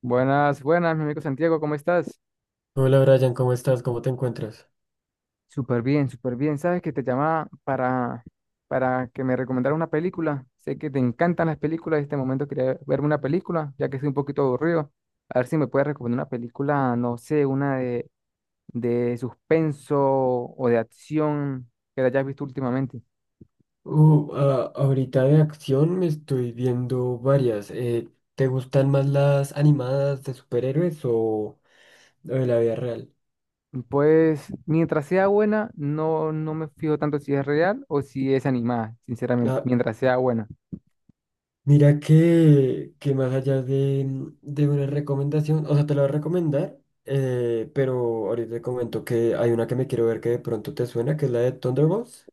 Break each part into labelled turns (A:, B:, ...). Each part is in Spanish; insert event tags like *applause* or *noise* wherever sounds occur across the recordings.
A: Buenas, buenas, mi amigo Santiago, ¿cómo estás?
B: Hola Brian, ¿cómo estás? ¿Cómo te encuentras?
A: Súper bien, súper bien. Sabes que te llamaba para que me recomendara una película. Sé que te encantan las películas. En este momento quería verme una película, ya que estoy un poquito aburrido. A ver si me puedes recomendar una película, no sé, una de suspenso o de acción que hayas visto últimamente.
B: Ahorita de acción me estoy viendo varias. ¿Te gustan más las animadas de superhéroes o de la vida real?
A: Pues mientras sea buena, no, no me fijo tanto si es real o si es animada, sinceramente,
B: Ah,
A: mientras sea buena.
B: mira que más allá de una recomendación, o sea, te la voy a recomendar, pero ahorita te comento que hay una que me quiero ver que de pronto te suena, que es la de Thunderbolts,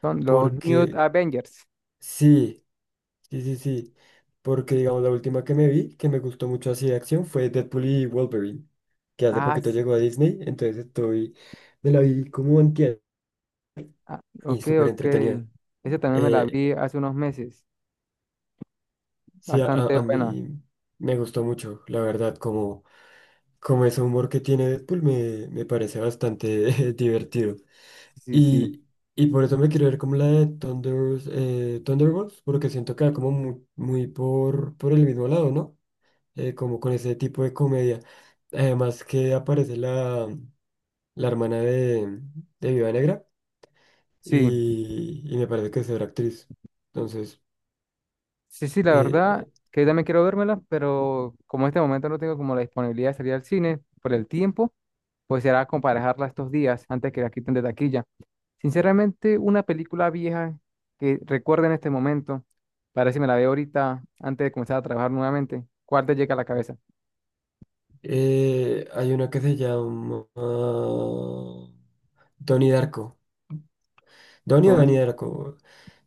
A: Son los New
B: porque
A: Avengers.
B: sí. Sí, sí, sí. Porque, digamos, la última que me vi, que me gustó mucho así de acción, fue Deadpool y Wolverine, que hace
A: Ah.
B: poquito llegó a Disney, entonces me la vi como antier
A: Ah,
B: y
A: ok,
B: súper
A: ok.
B: entretenida.
A: Esa también me la
B: Eh,
A: vi hace unos meses.
B: sí,
A: Bastante
B: a
A: buena.
B: mí me gustó mucho, la verdad, como, como ese humor que tiene Deadpool me parece bastante *laughs* divertido.
A: Sí, sí.
B: Y, y por eso me quiero ver como la de Thunderbolts, porque siento que va como muy por el mismo lado, ¿no? Como con ese tipo de comedia. Además que aparece la hermana de Viuda Negra
A: Sí,
B: y me parece que es otra actriz. Entonces,
A: sí, sí, la verdad
B: eh,
A: que yo también quiero vérmela, pero como en este momento no tengo como la disponibilidad de salir al cine por el tiempo, pues será comparejarla estos días antes que la quiten de taquilla. Sinceramente, una película vieja que recuerde en este momento, para ver si me la veo ahorita antes de comenzar a trabajar nuevamente, ¿cuál te llega a la cabeza?
B: hay una que se llama Donnie Darko. Donnie o Danny
A: Tony,
B: Darko.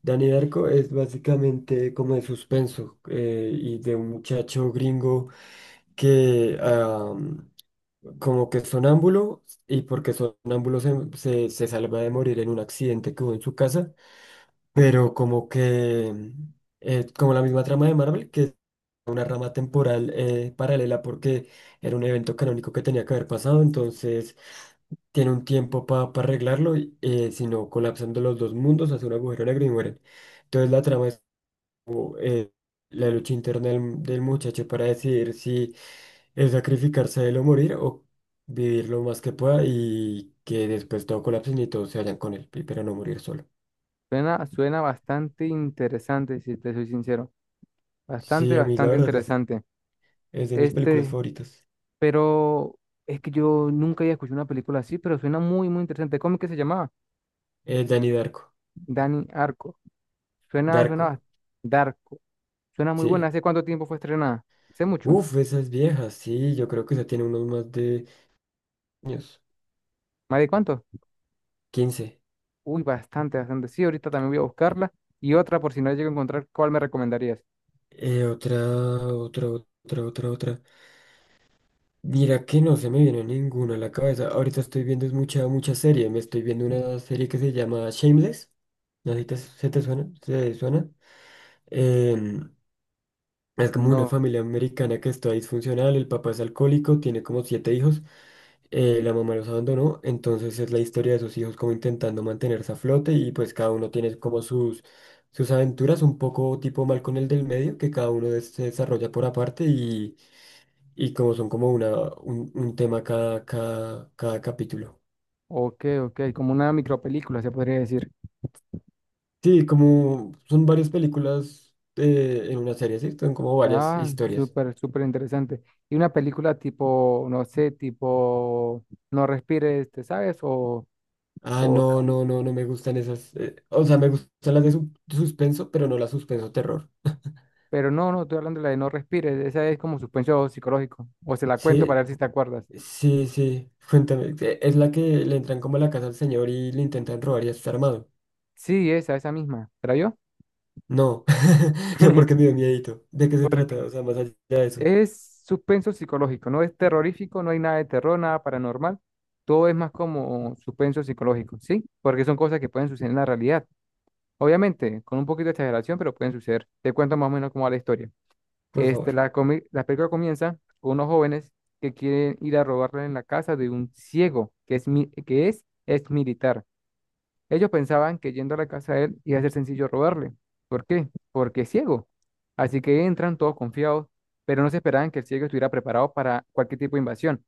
B: Danny Darko es básicamente como de suspenso y de un muchacho gringo que... am, como que es sonámbulo y porque sonámbulo se salva de morir en un accidente que hubo en su casa, pero como como la misma trama de Marvel, que es una rama temporal paralela porque era un evento canónico que tenía que haber pasado, entonces tiene un tiempo para arreglarlo, sino colapsando los dos mundos, hace un agujero negro y mueren. Entonces la trama es como, eh, la lucha interna del muchacho para decidir si es sacrificarse de lo morir o vivir lo más que pueda y que después todo colapse y todos se vayan con él, pero no morir solo.
A: suena, suena bastante interesante, si te soy sincero.
B: Sí,
A: Bastante,
B: a mí la
A: bastante
B: verdad
A: interesante.
B: es de mis películas
A: Este,
B: favoritas.
A: pero es que yo nunca había escuchado una película así, pero suena muy, muy interesante. ¿Cómo es que se llamaba?
B: Danny Darko.
A: Danny Arco. Suena, suena
B: Darko,
A: bas- Darko. Suena muy buena.
B: sí.
A: ¿Hace cuánto tiempo fue estrenada? ¿Hace mucho?
B: Uf, esas viejas, sí, yo creo que esa tiene unos más de años,
A: ¿Más de cuánto?
B: quince.
A: Uy, bastante, bastante. Sí, ahorita también voy a buscarla. Y otra, por si no llego a encontrar, ¿cuál me recomendarías?
B: Eh, otra, otra. Mira que no se me viene ninguna a la cabeza. Ahorita estoy viendo es mucha, mucha serie. Me estoy viendo una serie que se llama Shameless. No sé si se te suena, se suena. em, es como una
A: No.
B: familia americana que está disfuncional, el papá es alcohólico, tiene como siete hijos, la mamá los abandonó, entonces es la historia de sus hijos como intentando mantenerse a flote y pues cada uno tiene como sus aventuras, un poco tipo mal con el del medio, que cada uno se desarrolla por aparte y como son como un tema cada capítulo.
A: Ok, ok. Como una micropelícula, se podría decir.
B: Sí, como son varias películas en una serie, ¿sí? Son como varias
A: Ah,
B: historias.
A: súper, súper interesante. Y una película tipo, no sé, tipo No respires, ¿te sabes?
B: Ah,
A: O,
B: no, no, no, no me gustan esas. O sea, me gustan las de suspenso, pero no las suspenso terror.
A: pero no, no, estoy hablando de la de No respires. Esa es como suspenso psicológico. O se la cuento para
B: Sí,
A: ver si te acuerdas.
B: sí, sí. Cuéntame. ¿Es la que le entran como a la casa al señor y le intentan robar y está armado?
A: Sí, esa misma. ¿Era yo?
B: No, *laughs* no, porque me dio
A: *laughs*
B: miedito. ¿De qué se
A: Porque
B: trata? O sea, más allá de eso.
A: es suspenso psicológico. No es terrorífico, no hay nada de terror, nada paranormal. Todo es más como suspenso psicológico, ¿sí? Porque son cosas que pueden suceder en la realidad. Obviamente, con un poquito de exageración, pero pueden suceder. Te cuento más o menos cómo va la historia.
B: Por favor.
A: La película comienza con unos jóvenes que quieren ir a robarle en la casa de un ciego que es, que es ex militar. Ellos pensaban que yendo a la casa de él iba a ser sencillo robarle. ¿Por qué? Porque es ciego. Así que entran todos confiados, pero no se esperaban que el ciego estuviera preparado para cualquier tipo de invasión.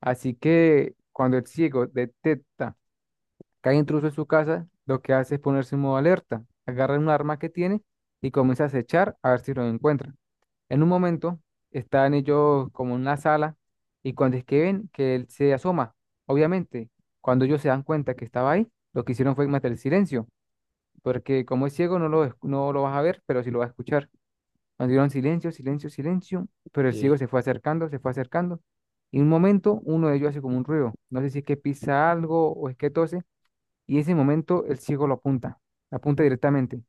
A: Así que cuando el ciego detecta que hay intruso en su casa, lo que hace es ponerse en modo alerta, agarra un arma que tiene y comienza a acechar a ver si lo encuentra. En un momento están ellos como en una sala y cuando es que ven que él se asoma, obviamente, cuando ellos se dan cuenta que estaba ahí, lo que hicieron fue matar el silencio, porque como es ciego no lo, no lo vas a ver, pero sí lo vas a escuchar. Cuando dieron silencio, silencio, silencio, pero el ciego
B: Sí,
A: se fue acercando, se fue acercando. Y en un momento uno de ellos hace como un ruido, no sé si es que pisa algo o es que tose, y en ese momento el ciego lo apunta directamente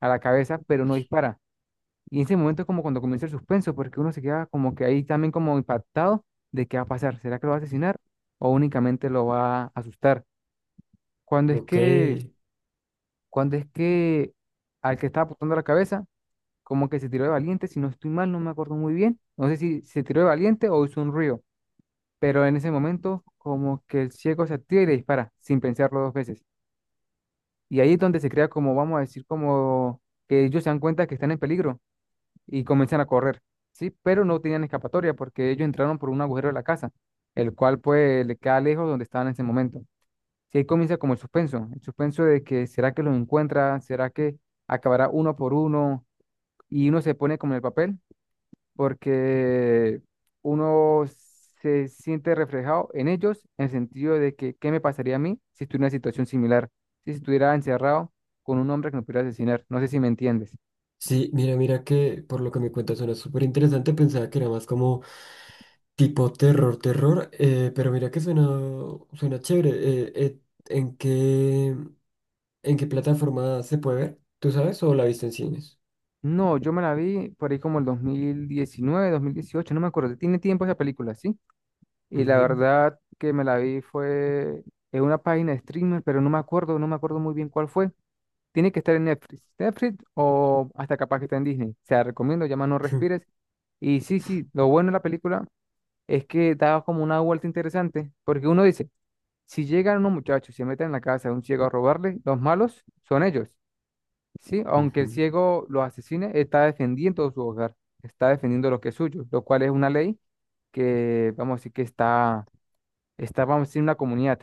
A: a la cabeza, pero no dispara y en ese momento es como cuando comienza el suspenso, porque uno se queda como que ahí también como impactado de qué va a pasar. ¿Será que lo va a asesinar o únicamente lo va a asustar? Cuando es
B: ok.
A: que, cuando es que al que estaba apuntando la cabeza, como que se tiró de valiente, si no estoy mal, no me acuerdo muy bien. No sé si se tiró de valiente o hizo un río, pero en ese momento como que el ciego se activa y le dispara sin pensarlo dos veces. Y ahí es donde se crea como, vamos a decir, como que ellos se dan cuenta que están en peligro y comienzan a correr, ¿sí? Pero no tenían escapatoria porque ellos entraron por un agujero de la casa, el cual pues le queda lejos donde estaban en ese momento. Sí, ahí comienza como el suspenso de que será que los encuentra, será que acabará uno por uno y uno se pone como en el papel porque uno se siente reflejado en ellos en el sentido de que qué me pasaría a mí si estuviera en una situación similar, si estuviera encerrado con un hombre que me pudiera asesinar. No sé si me entiendes.
B: Sí, mira, mira que por lo que me cuentas suena súper interesante. Pensaba que era más como tipo terror, terror. Pero mira que suena, suena chévere. ¿En qué? ¿En qué plataforma se puede ver? ¿Tú sabes o la viste en cines?
A: No, yo me la vi por ahí como el 2019, 2018, no me acuerdo. Tiene tiempo esa película, ¿sí? Y la
B: Ujú,
A: verdad que me la vi fue en una página de streamer, pero no me acuerdo, no me acuerdo muy bien cuál fue. Tiene que estar en Netflix. Netflix o hasta capaz que está en Disney. Se la recomiendo, llama No
B: *laughs* ujú.
A: Respires. Y sí, sí, lo bueno de la película es que da como una vuelta interesante, porque uno dice, si llegan unos muchachos y se meten en la casa de un ciego a robarle, los malos son ellos. Sí, aunque el
B: Ujú.
A: ciego lo asesine, está defendiendo su hogar, está defendiendo lo que es suyo, lo cual es una ley que, vamos a decir, que está, está, vamos a decir, en una comunidad.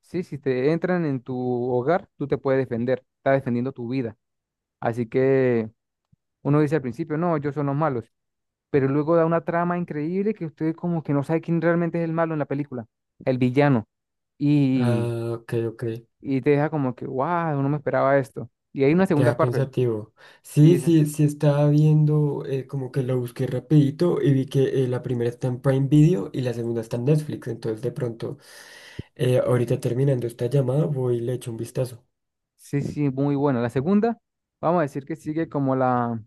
A: Sí, si te entran en tu hogar, tú te puedes defender, está defendiendo tu vida. Así que uno dice al principio, no, ellos son los malos, pero luego da una trama increíble que usted como que no sabe quién realmente es el malo en la película, el villano, y,
B: Ah, ok, ok.
A: y te deja como que, wow, no me esperaba esto. Y hay una segunda
B: Queda
A: parte.
B: pensativo. Sí,
A: Sí.
B: sí, sí estaba viendo, como que lo busqué rapidito y vi que la primera está en Prime Video y la segunda está en Netflix. Entonces de pronto, ahorita terminando esta llamada, voy y le echo un vistazo.
A: Sí, sí, muy buena. La segunda, vamos a decir que sigue como la,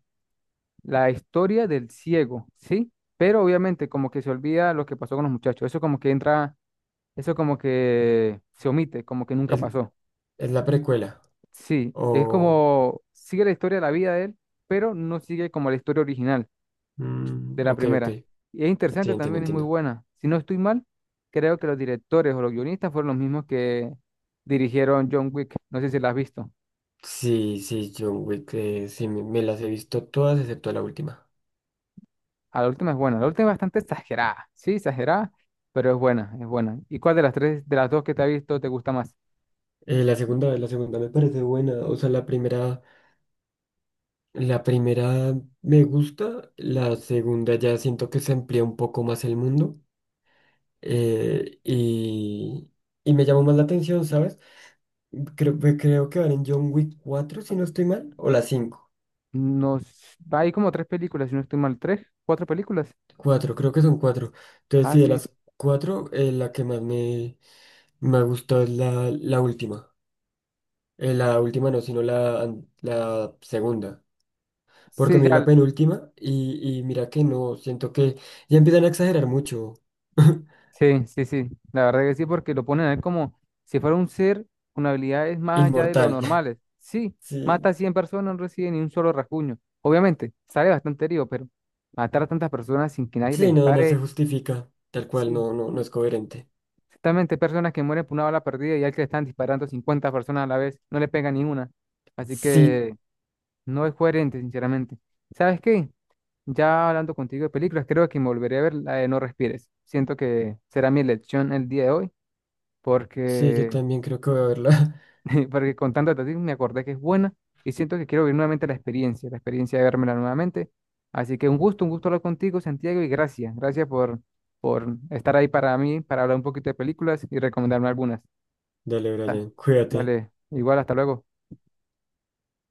A: la historia del ciego, ¿sí? Pero obviamente como que se olvida lo que pasó con los muchachos. Eso como que entra, eso como que se omite, como que nunca
B: Es,
A: pasó.
B: es la precuela.
A: Sí, es
B: O...
A: como sigue la historia de la vida de él, pero no sigue como la historia original de
B: mm,
A: la
B: ok, ok.
A: primera. Y es
B: Sí,
A: interesante
B: entiendo,
A: también, es muy
B: entiendo.
A: buena. Si no estoy mal, creo que los directores o los guionistas fueron los mismos que dirigieron John Wick. No sé si la has visto.
B: Sí, sí, John Wick, sí, me las he visto todas excepto la última.
A: Ah, la última es buena. La última es bastante exagerada. Sí, exagerada, pero es buena, es buena. ¿Y cuál de las tres, de las dos que te has visto, te gusta más?
B: La segunda me parece buena. O sea, la primera me gusta, la segunda ya siento que se amplía un poco más el mundo. eh, y, y me llamó más la atención, ¿sabes? Creo, pues, creo que van en John Wick 4 si no estoy mal, o las cinco.
A: Nos, hay como tres películas, si no estoy mal, tres, cuatro películas.
B: Cuatro, creo que son cuatro. Entonces,
A: Ah,
B: sí, de
A: sí.
B: las 4, la que más me gustó es la última. La última no, sino la, an- la segunda. Porque
A: Sí,
B: me vi la
A: ya.
B: penúltima y mira que no, siento que ya empiezan a exagerar mucho. *laughs*
A: Sí, sí, sí. La verdad que sí, porque lo ponen a él como si fuera un ser con habilidades más allá de lo
B: Inmortal.
A: normales. Sí,
B: *laughs*
A: mata a
B: Sí,
A: 100 personas, no recibe ni un solo rasguño. Obviamente, sale bastante herido, pero matar a tantas personas sin que nadie le
B: sí, no, no se
A: dispare,
B: justifica, tal cual,
A: sí.
B: no, no, no es coherente.
A: Exactamente, hay personas que mueren por una bala perdida y al que le están disparando 50 personas a la vez, no le pega ninguna. Así
B: Sí,
A: que no es coherente, sinceramente. ¿Sabes qué? Ya hablando contigo de películas, creo que me volveré a ver la de No Respires. Siento que será mi elección el día de hoy,
B: sí, yo
A: porque,
B: también creo que voy a verla.
A: *laughs* porque contándote a ti me acordé que es buena y siento que quiero vivir nuevamente la experiencia de vérmela nuevamente. Así que un gusto hablar contigo, Santiago, y gracias, gracias por estar ahí para mí, para hablar un poquito de películas y recomendarme algunas.
B: *laughs* Dale,
A: Ah,
B: Brian, cuídate.
A: dale, igual, hasta luego.